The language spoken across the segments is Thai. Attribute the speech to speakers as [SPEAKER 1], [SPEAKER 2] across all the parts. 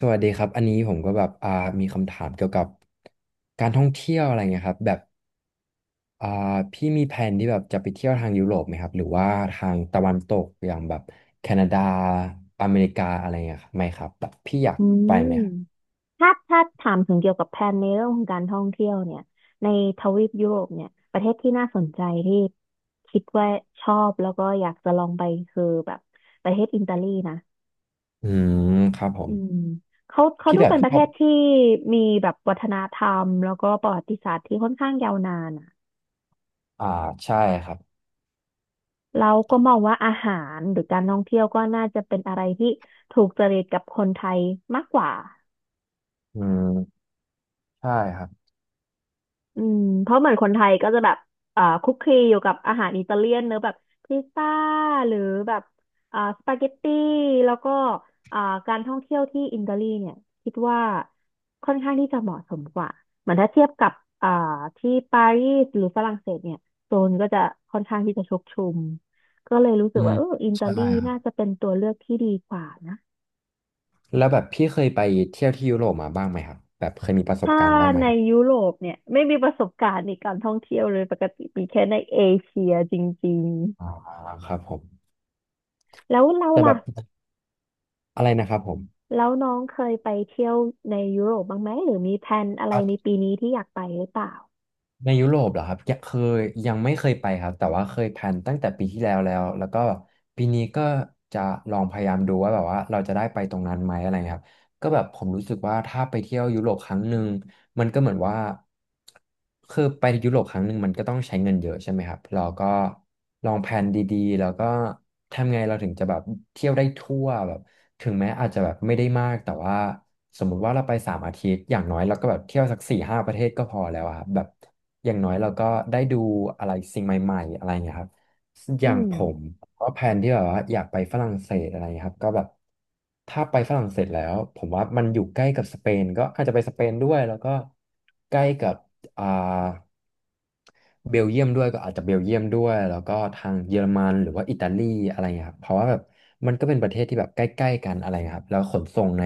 [SPEAKER 1] สวัสดีครับอันนี้ผมก็แบบมีคำถามเกี่ยวกับการท่องเที่ยวอะไรเงี้ยครับแบบอ่าพี่มีแผนที่แบบจะไปเที่ยวทางยุโรปไหมครับหรือว่าทางตะวันตกอย่างแบบแคนาดาอเมริกาอะไรเงี้ยครับไหมครับแบบพี่อยาก
[SPEAKER 2] อื
[SPEAKER 1] ไป
[SPEAKER 2] ม
[SPEAKER 1] ไหมครับ
[SPEAKER 2] ถ้าถามถึงเกี่ยวกับแผนในเรื่องของการท่องเที่ยวเนี่ยในทวีปยุโรปเนี่ยประเทศที่น่าสนใจที่คิดว่าชอบแล้วก็อยากจะลองไปคือแบบประเทศอิตาลีนะ
[SPEAKER 1] อืมครับผ
[SPEAKER 2] อื
[SPEAKER 1] ม
[SPEAKER 2] มเขา
[SPEAKER 1] พี่
[SPEAKER 2] ดู
[SPEAKER 1] แบบ
[SPEAKER 2] เป็นป
[SPEAKER 1] ช
[SPEAKER 2] ระเท
[SPEAKER 1] อบ
[SPEAKER 2] ศที่มีแบบวัฒนธรรมแล้วก็ประวัติศาสตร์ที่ค่อนข้างยาวนานอ่ะ
[SPEAKER 1] อ่าใช่ครับ
[SPEAKER 2] เราก็มองว่าอาหารหรือการท่องเที่ยวก็น่าจะเป็นอะไรที่ถูกจริตกับคนไทยมากกว่า
[SPEAKER 1] อืมใช่ครับ
[SPEAKER 2] อืมเพราะเหมือนคนไทยก็จะแบบคุกคลีอยู่กับอาหารอิตาเลียนเนอะแบบพิซซ่าหรือแบบสปาเกตตี้แล้วก็อ่าการท่องเที่ยวที่อิตาลีเนี่ยคิดว่าค่อนข้างที่จะเหมาะสมกว่าเหมือนถ้าเทียบกับอ่าที่ปารีสหรือฝรั่งเศสเนี่ยโซนก็จะค่อนข้างที่จะชกชุมก็เลยรู้สึ
[SPEAKER 1] อื
[SPEAKER 2] ก
[SPEAKER 1] ม
[SPEAKER 2] ว่าเอออิตา
[SPEAKER 1] ใช่
[SPEAKER 2] ลี
[SPEAKER 1] ครั
[SPEAKER 2] น่า
[SPEAKER 1] บ
[SPEAKER 2] จะเป็นตัวเลือกที่ดีกว่านะ
[SPEAKER 1] แล้วแบบพี่เคยไปเที่ยวที่ยุโรปมาบ้างไหมครับแบบเคยมีประสบ
[SPEAKER 2] ถ้า
[SPEAKER 1] การณ์บ้างไหม
[SPEAKER 2] ใน
[SPEAKER 1] ครับ
[SPEAKER 2] ยุโรปเนี่ยไม่มีประสบการณ์ในการท่องเที่ยวเลยปกติมีแค่ในเอเชียจริง
[SPEAKER 1] อ่าครับผม
[SPEAKER 2] ๆแล้วเรา
[SPEAKER 1] แต่แบ
[SPEAKER 2] ล่ะ
[SPEAKER 1] บอะไรนะครับผม
[SPEAKER 2] แล้วน้องเคยไปเที่ยวในยุโรปบ้างไหมหรือมีแพลนอะไรในปีนี้ที่อยากไปหรือเปล่า
[SPEAKER 1] ในยุโรปเหรอครับยังเคยยังไม่เคยไปครับแต่ว่าเคยแพลนตั้งแต่ปีที่แล้วแล้วก็ปีนี้ก็จะลองพยายามดูว่าแบบว่าเราจะได้ไปตรงนั้นไหมอะไรเงี้ยครับก็แบบผมรู้สึกว่าถ้าไปเที่ยวยุโรปครั้งหนึ่งมันก็เหมือนว่าคือไปยุโรปครั้งหนึ่งมันก็ต้องใช้เงินเยอะใช่ไหมครับเราก็ลองแพลนดีๆแล้วก็ทำไงเราถึงจะแบบเที่ยวได้ทั่วแบบถึงแม้อาจจะแบบไม่ได้มากแต่ว่า สมมุติว่าเราไปสามอาทิตย์อย่างน้อยเราก็แบบเที่ยวสักสี่ห้าประเทศก็พอแล้วอะครับแบบอย่างน้อยเราก็ได้ดูอะไรสิ่งใหม่ๆอะไรเงี้ยครับอ
[SPEAKER 2] อื
[SPEAKER 1] ย่างผ
[SPEAKER 2] ม
[SPEAKER 1] มก็แพลนที่แบบว่าอยากไปฝรั่งเศสอะไรเงี้ยครับก็แบบถ้าไปฝรั่งเศสแล้วผมว่ามันอยู่ใกล้กับสเปนก็อาจจะไปสเปนด้วยแล้วก็ใกล้กับอ่า เบลเยียมด้วยก็อาจจะเบลเยียมด้วยแล้วก็ทางเยอรมันหรือว่าอิตาลีอะไรเงี้ยครับเพราะว่าแบบมันก็เป็นประเทศที่แบบใกล้ๆกันอะไรเงี้ยครับแล้วขนส่งใน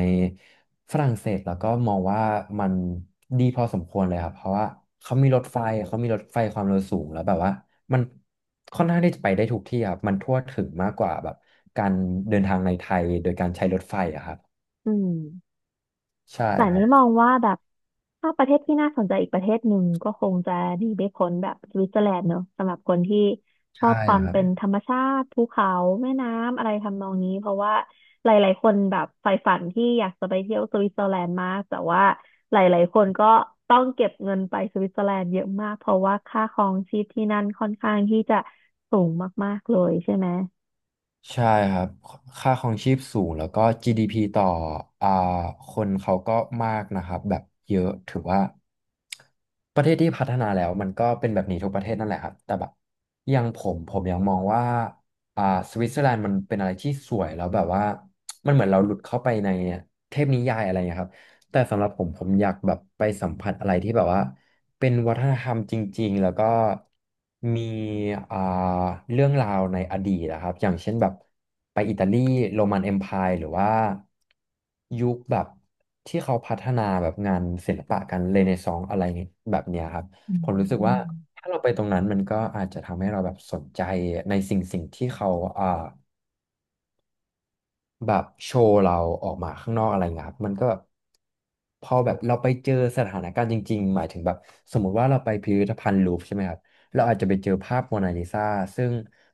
[SPEAKER 1] ฝรั่งเศสแล้วก็มองว่ามันดีพอสมควรเลยครับเพราะว่าเขามีรถไฟเขามีรถไฟความเร็วสูงแล้วแบบว่ามันค่อนข้างที่จะไปได้ทุกที่ครับมันทั่วถึงมากกว่าแบบการเดินทางในไทยโดยการใช้รถไฟอะครับ
[SPEAKER 2] อืม
[SPEAKER 1] ใช่
[SPEAKER 2] แต่
[SPEAKER 1] ครั
[SPEAKER 2] นี้
[SPEAKER 1] บ
[SPEAKER 2] มองว่าแบบถ้าประเทศที่น่าสนใจอีกประเทศหนึ่งก็คงจะหนีไม่พ้นแบบสวิตเซอร์แลนด์เนอะสำหรับคนที่ชอ
[SPEAKER 1] ใช่
[SPEAKER 2] บความ
[SPEAKER 1] ครั
[SPEAKER 2] เป็น
[SPEAKER 1] บ
[SPEAKER 2] ธรรมชาติภูเขาแม่น้ำอะไรทำนองนี้เพราะว่าหลายๆคนแบบใฝ่ฝันที่อยากจะไปเที่ยวสวิตเซอร์แลนด์มากแต่ว่าหลายๆคนก็ต้องเก็บเงินไปสวิตเซอร์แลนด์เยอะมากเพราะว่าค่าครองชีพที่นั่นค่อนข้างที่จะสูงมากๆเลยใช่ไหม
[SPEAKER 1] ใช่ครับค่าครองชีพสูงแล้วก็ GDP ต่ออ่าคนเขาก็มากนะครับแบบเยอะถือว่าประเทศที่พัฒนาแล้วมันก็เป็นแบบนี้ทุกประเทศนั่นแหละครับแต่แบบอยังผมยังมองว่าอ่าสวิตเซอร์แลนด์มันเป็นอะไรที่สวยแล้วแบบว่ามันเหมือนเราหลุดเข้าไปในเทพนิยายอะไรอย่างเงี้ยครับ แต่สำหรับผมผมอยากแบบไปสัมผัสอะไรที่แบบว่าเป็นวัฒนธรรมจริงๆแล้วก็มีอ่าเรื่องราวในอดีตนะครับอย่างเช่นแบบไปอิตาลีโรมันเอ็มไพร์หรือว่ายุคแบบที่เขาพัฒนาแบบงานศิลปะกันเรเนซองส์อะไรแบบเนี้ยครับ
[SPEAKER 2] อื
[SPEAKER 1] ผมรู้
[SPEAKER 2] ม
[SPEAKER 1] สึกว่าถ้าเราไปตรงนั้นมันก็อาจจะทำให้เราแบบสนใจในสิ่งที่เขาอ่า แบบโชว์เราออกมาข้างนอกอะไรเงี้ยครับมันก็แบบพอแบบเราไปเจอสถานการณ์จริงๆหมายถึงแบบสมมุติว่าเราไปพิพิธภัณฑ์ลูฟร์ใช่ไหมครับเราอาจจะไปเจอภาพโมนาลิซาซึ่ง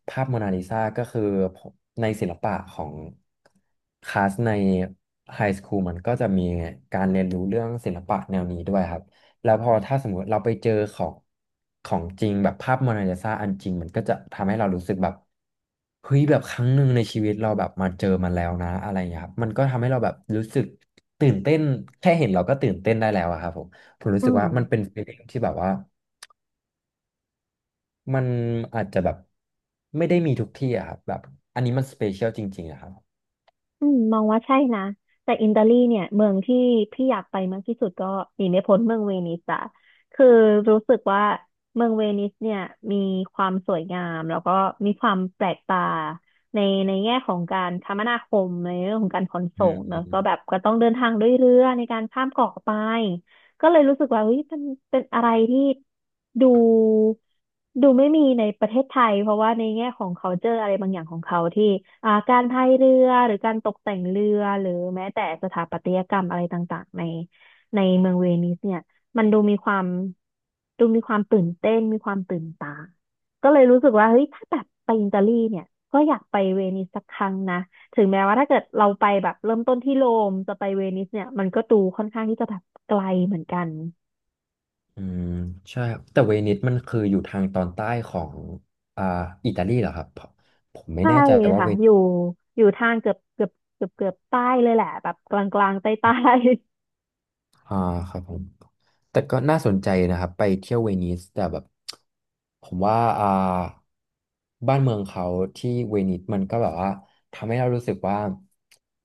[SPEAKER 1] ภาพโมนาลิซาก็คือในศิลปะของคลาสในไฮสคูลมันก็จะมีการเรียนรู้เรื่องศิลปะแนวนี้ด้วยครับ แล้วพอถ้าสมมติเราไปเจอของจริงแบบภาพโมนาลิซาอันจริงมันก็จะทำให้เรารู้สึกแบบเฮ้ยแบบครั้งหนึ่งในชีวิตเราแบบมาเจอมันแล้วนะอะไรอย่างเงี้ยครับมันก็ทำให้เราแบบรู้สึกตื่นเต้นแค่เห็นเราก็ตื่นเต้นได้แล้วอะครับผมผมรู้
[SPEAKER 2] อื
[SPEAKER 1] สึก
[SPEAKER 2] ม
[SPEAKER 1] ว่ามันเป็น feeling ที่แบบว่ามันอาจจะแบบไม่ได้มีทุกที่อะครับแบบอันนี้มันสเปเชียลจริงๆอะครับ
[SPEAKER 2] อืมมองว่าใช่นะแต่อิตาลีเนี่ยเมืองที่พี่อยากไปมากที่สุดก็หนีไม่พ้นเมืองเวนิสอะคือรู้สึกว่าเมืองเวนิสเนี่ยมีความสวยงามแล้วก็มีความแปลกตาในในแง่ของการคมนาคมในเรื่องของการขน
[SPEAKER 1] อื
[SPEAKER 2] ส่
[SPEAKER 1] ม
[SPEAKER 2] งเน
[SPEAKER 1] อื
[SPEAKER 2] อะก็
[SPEAKER 1] ม
[SPEAKER 2] แบบก็ต้องเดินทางด้วยเรือในการข้ามเกาะไป ก็เลยรู้สึกว่าเฮ้ยมันเป็นอะไรที่ดูดูไม่มีในประเทศไทยเพราะว่าในแง่ของ culture อะไรบางอย่างของเขาที่การพายเรือหรือการตกแต่งเรือหรือแม้แต่สถาปัตยกรรมอะไรต่างๆในเมืองเวนิสเนี่ยมันดูมีความดูมีความตื่นเต้นมีความตื่นตาก็เลยรู้สึกว่าเฮ้ยถ้าแบบไปอิตาลีเนี่ยก็อยากไปเวนิสสักครั้งนะ ถึงแม้ว่าถ้าเกิดเราไปแบบเริ่มต้นที่โรมจะไปเวนิสเนี่ยมันก็ดูค่อนข้างที่จะแบบไกลเหมือนกัน
[SPEAKER 1] อืมใช่ครับแต่เวนิสมันคืออยู่ทางตอนใต้ของอ่าอิตาลีเหรอครับผมผมไม่
[SPEAKER 2] ใช่
[SPEAKER 1] แน่ใจว่า
[SPEAKER 2] ค่ะ
[SPEAKER 1] เว
[SPEAKER 2] อยู่ทางเกือบใต้เลยแหละแบบกลางกลางใต้ใต้
[SPEAKER 1] อ่าครับผม แต่ก็น่าสนใจนะครับไปเที่ยวเวนิสแต่แบบผมว่าบ้านเมืองเขาที่เวนิสมันก็แบบว่าทำให้เรารู้สึกว่า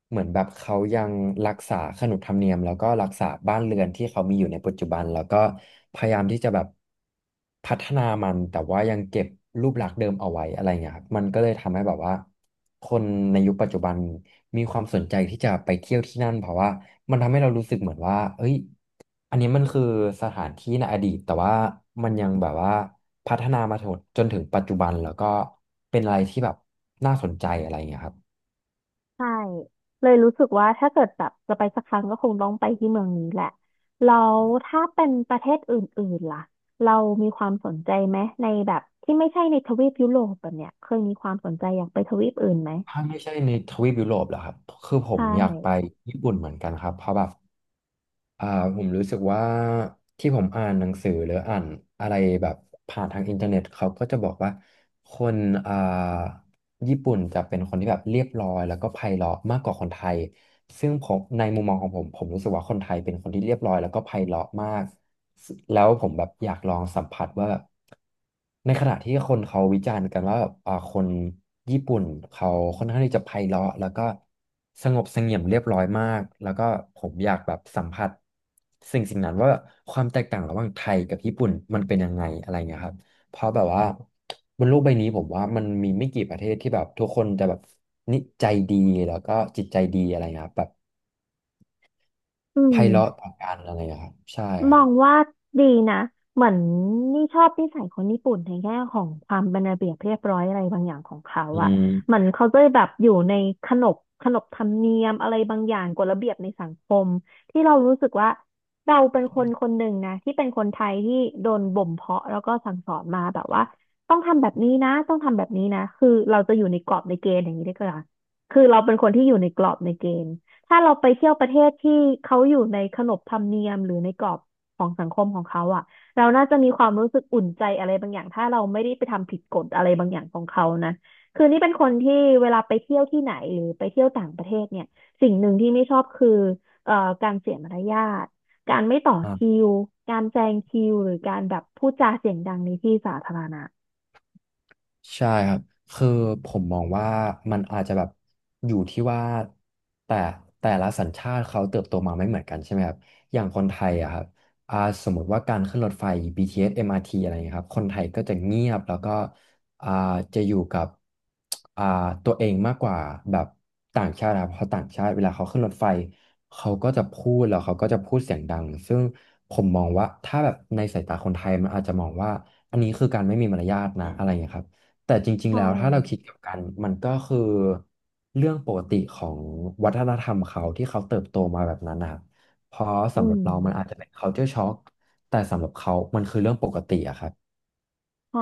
[SPEAKER 1] เหมือนแบบเขายังรักษาขนบธรรมเนียมแล้วก็รักษาบ้านเรือนที่เขามีอยู่ในปัจจุบันแล้วก็พยายามที่จะแบบพัฒนามันแต่ว่ายังเก็บรูปลักษณ์เดิมเอาไว้อะไรเงี้ยครับมันก็เลยทำให้แบบว่าคนในยุคปัจจุบันมีความสนใจที่จะไปเที่ยวที่นั่นเพราะว่ามันทำให้เรารู้สึกเหมือนว่าเอ้ย อันนี้มันคือสถานที่ในอดีตแต่ว่ามันยังแบบว่าพัฒนามาถึงจนถึงปัจจุบันแล้วก็เป็นอะไรที่แบบน่าสนใจอะไรอย่างเงี้ยครับ
[SPEAKER 2] ใช่เลยรู้สึกว่าถ้าเกิดแบบจะไปสักครั้งก็คงต้องไปที่เมืองนี้แหละแล้วถ้าเป็นประเทศอื่นๆล่ะเรามีความสนใจไหมในแบบที่ไม่ใช่ในทวีปยุโรปแบบเนี้ยเคยมีความสนใจอยากไปทวีปอื่นไหม
[SPEAKER 1] ถ้าไม่ใช่ในทวีปยุโรปเหรอครับคือผม
[SPEAKER 2] ใช่
[SPEAKER 1] อยากไปญี่ปุ่นเหมือนกันครับเพราะแบบอ่าผมรู้สึกว่าที่ผมอ่านหนังสือหรืออ่านอะไรแบบผ่านทางอินเทอร์เน็ตเขาก็จะบอกว่าคนอ่า ญี่ปุ่นจะเป็นคนที่แบบเรียบร้อยแล้วก็ไพเราะมากกว่าคนไทยซึ่งผมในมุมมองของผมผมรู้สึกว่าคนไทยเป็นคนที่เรียบร้อยแล้วก็ไพเราะมากแล้วผมแบบอยากลองสัมผัสว่าแบบในขณะที่คนเขาวิจารณ์กันว่าแบบคนญี่ปุ่นเขาค่อนข้างที่จะไพเราะแล้วก็สงบเสงี่ยมเรียบร้อยมากแล้วก็ผมอยากแบบสัมผัสสิ่งนั้นว่าความแตกต่างระหว่างไทยกับญี่ปุ่นมันเป็นยังไงอะไรเงี้ยครับ เพราะแบบว่าบนโลกใบนี้ผมว่ามันมีไม่กี่ประเทศที่แบบทุกคนจะแบบนิจใจดีแล้วก็จิตใจดีอะไรเงี้ยครับแบบ
[SPEAKER 2] อื
[SPEAKER 1] ไพเราะ
[SPEAKER 2] ม
[SPEAKER 1] ต่อกันอะไรเงี้ยครับใช่ค
[SPEAKER 2] ม
[SPEAKER 1] รั
[SPEAKER 2] อ
[SPEAKER 1] บ
[SPEAKER 2] งว่าดีนะเหมือนนี่ชอบนิสัยคนญี่ปุ่นในแง่ของความเป็นระเบียบเรียบร้อยอะไรบางอย่างของเขา
[SPEAKER 1] อื
[SPEAKER 2] อ่ะ
[SPEAKER 1] ม
[SPEAKER 2] เหมือนเขาจะแบบอยู่ในขนบขนบธรรมเนียมอะไรบางอย่างกฎระเบียบในสังคมที่เรารู้สึกว่าเราเป็นคนคนหนึ่งนะที่เป็นคนไทยที่โดนบ่มเพาะแล้วก็สั่งสอนมาแบบว่าต้องทำแบบนี้นะต้องทำแบบนี้นะคือเราจะอยู่ในกรอบในเกณฑ์อย่างนี้ได้ก็ล่ะคือเราเป็นคนที่อยู่ในกรอบในเกณฑ์ถ้าเราไปเที่ยวประเทศที่เขาอยู่ในขนบธรรมเนียมหรือในกรอบ ของสังคมของเขาอ่ะเราน่าจะมีความรู้สึกอุ่นใจอะไรบางอย่างถ้าเราไม่ได้ไปทำผิดกฎอะไรบางอย่างของเขานะคือนี่เป็นคนที่เวลาไปเที่ยวที่ไหนหรือไปเที่ยวต่างประเทศเนี่ยสิ่งหนึ่งที่ไม่ชอบคือเอ่อการเสียมารยาทการไม่ต่อคิวการแซงคิวหรือการแบบพูดจาเสียงดังในที่สาธารณะ
[SPEAKER 1] ใช่ครับ คือผมมองว่ามันอาจจะแบบอยู่ที่ว่าแต่แต่ละสัญชาติเขาเติบโตมาไม่เหมือนกันใช่ไหมครับอย่างคนไทยอะครับอ่าสมมติว่าการขึ้นรถไฟ BTS MRT อสเอ็มอาร์ทีอะไรอย่างเงี้ยครับคนไทยก็จะเงียบแล้วก็อ่าจะอยู่กับอ่าตัวเองมากกว่าแบบต่างชาตินะครับเพราะต่างชาติเวลาเขาขึ้นรถไฟเขาก็จะพูดแล้วเขาก็จะพูดเสียงดังซึ่งผมมองว่าถ้าแบบในสายตาคนไทยมันอาจจะมองว่าอันนี้คือการไม่มีมารยาทนะอะไรอย่างเงี้ยครับ แต่จริ
[SPEAKER 2] ใช
[SPEAKER 1] งๆ แล้วถ้าเราคิด
[SPEAKER 2] ่
[SPEAKER 1] กลับกันมันก็คือเรื่องปกติของวัฒนธรรมเขาที่เขาเติบโตมาแบบนั้นนะครับเพราะ
[SPEAKER 2] อื
[SPEAKER 1] สำหรับ
[SPEAKER 2] ม
[SPEAKER 1] เรามันอาจจะเป็น culture shock แต่สำหรับเขามันคือเรื่องปกติอะครับ
[SPEAKER 2] ใช่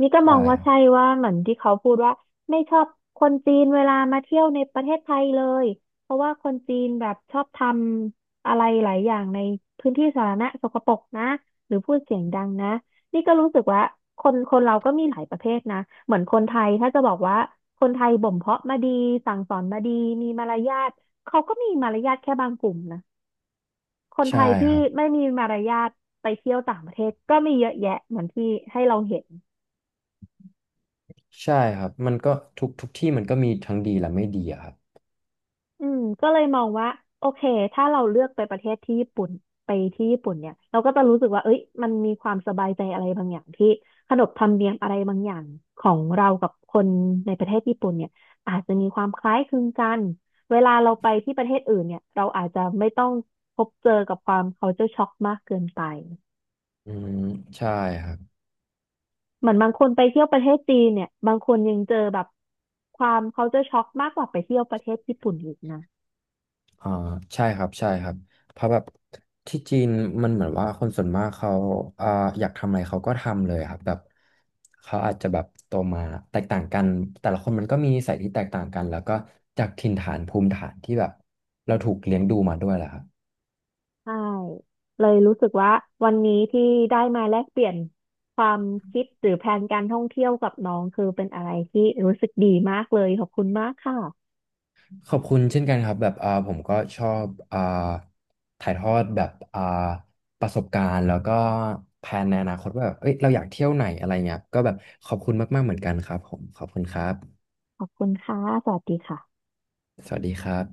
[SPEAKER 2] นี่ก็ม
[SPEAKER 1] ใช่
[SPEAKER 2] องว่า
[SPEAKER 1] ครับ
[SPEAKER 2] ใช่ว่าเหมือนที่เขาพูดว่าไม่ชอบคนจีนเวลามาเที่ยวในประเทศไทยเลยเพราะว่าคนจีนแบบชอบทำอะไรหลายอย่างในพื้นที่สาธารณะสกปรกนะหรือพูดเสียงดังนะนี่ก็รู้สึกว่าคนคนเราก็มีหลายประเภทนะเหมือนคนไทยถ้าจะบอกว่าคนไทยบ่มเพาะมาดีสั่งสอนมาดีมีมารยาทเขาก็มีมารยาทแค่บางกลุ่มนะคนไท
[SPEAKER 1] ใช่
[SPEAKER 2] ยที่
[SPEAKER 1] ครับ
[SPEAKER 2] ไม่มีมารยาทไปเที่ยวต่างประเทศก็มีเยอะแยะเหมือนที่ให้เราเห็น
[SPEAKER 1] ใช่ครับมันก็ทุกที่มันก็มีทั้งดีและไม่ดีอะครับ
[SPEAKER 2] อืมก็เลยมองว่าโอเคถ้าเราเลือกไปประเทศที่ญี่ปุ่นไปที่ญี่ปุ่นเนี่ยเราก็จะรู้สึกว่าเอ้ยมันมีความสบายใจอะไรบางอย่างที่ขนบธรรมเนียมอะไรบางอย่างของเรากับคนในประเทศญี่ปุ่นเนี่ยอาจจะมีความคล้ายคลึงกันเวลาเราไปที่ประเทศอื่นเนี่ยเราอาจจะไม่ต้องพบเจอกับความ culture shock มากเกินไป
[SPEAKER 1] อืมใช่ครับ
[SPEAKER 2] เหมือนบางคนไปเที่ยวประเทศจีนเนี่ยบางคนยังเจอแบบความ culture shock มากกว่าไปเที่ยวประเทศญี่ปุ่นอีกนะ
[SPEAKER 1] อ่าใช่ครับใช่ครับเพราะแบบที่จีนมันเหมือนว่าคนส่วนมากเขาอ่าอยากทำอะไรเขาก็ทำเลยครับแบบเขาอาจจะแบบโตมาแตกต่างกันแต่ละคนมันก็มีนิสัยที่แตกต่างกันแล้วก็จากถิ่นฐานภูมิฐานที่แบบเราถูกเลี้ยงดูมาด้วยแหละครับ
[SPEAKER 2] ใช่เลยรู้สึกว่าวันนี้ที่ได้มาแลกเปลี่ยนความคิดหรือแพลนการท่องเที่ยวกับน้องคือเป็นอะไรที่รู้สึกดีมากเลยขอบคุณมากค่ะ
[SPEAKER 1] ขอบคุณเช่นกันครับแบบผมก็ชอบถ่ายทอดแบบประสบการณ์แล้วก็แผนในอนาคตว่าแบบเอ้ยเราอยากเที่ยวไหนอะไรเงี้ยก็แบบขอบคุณมากๆเหมือนกันครับผมขอบคุณครับ
[SPEAKER 2] ขอบคุณค่ะ สวัสดีค่ะ
[SPEAKER 1] สวัสดีครับ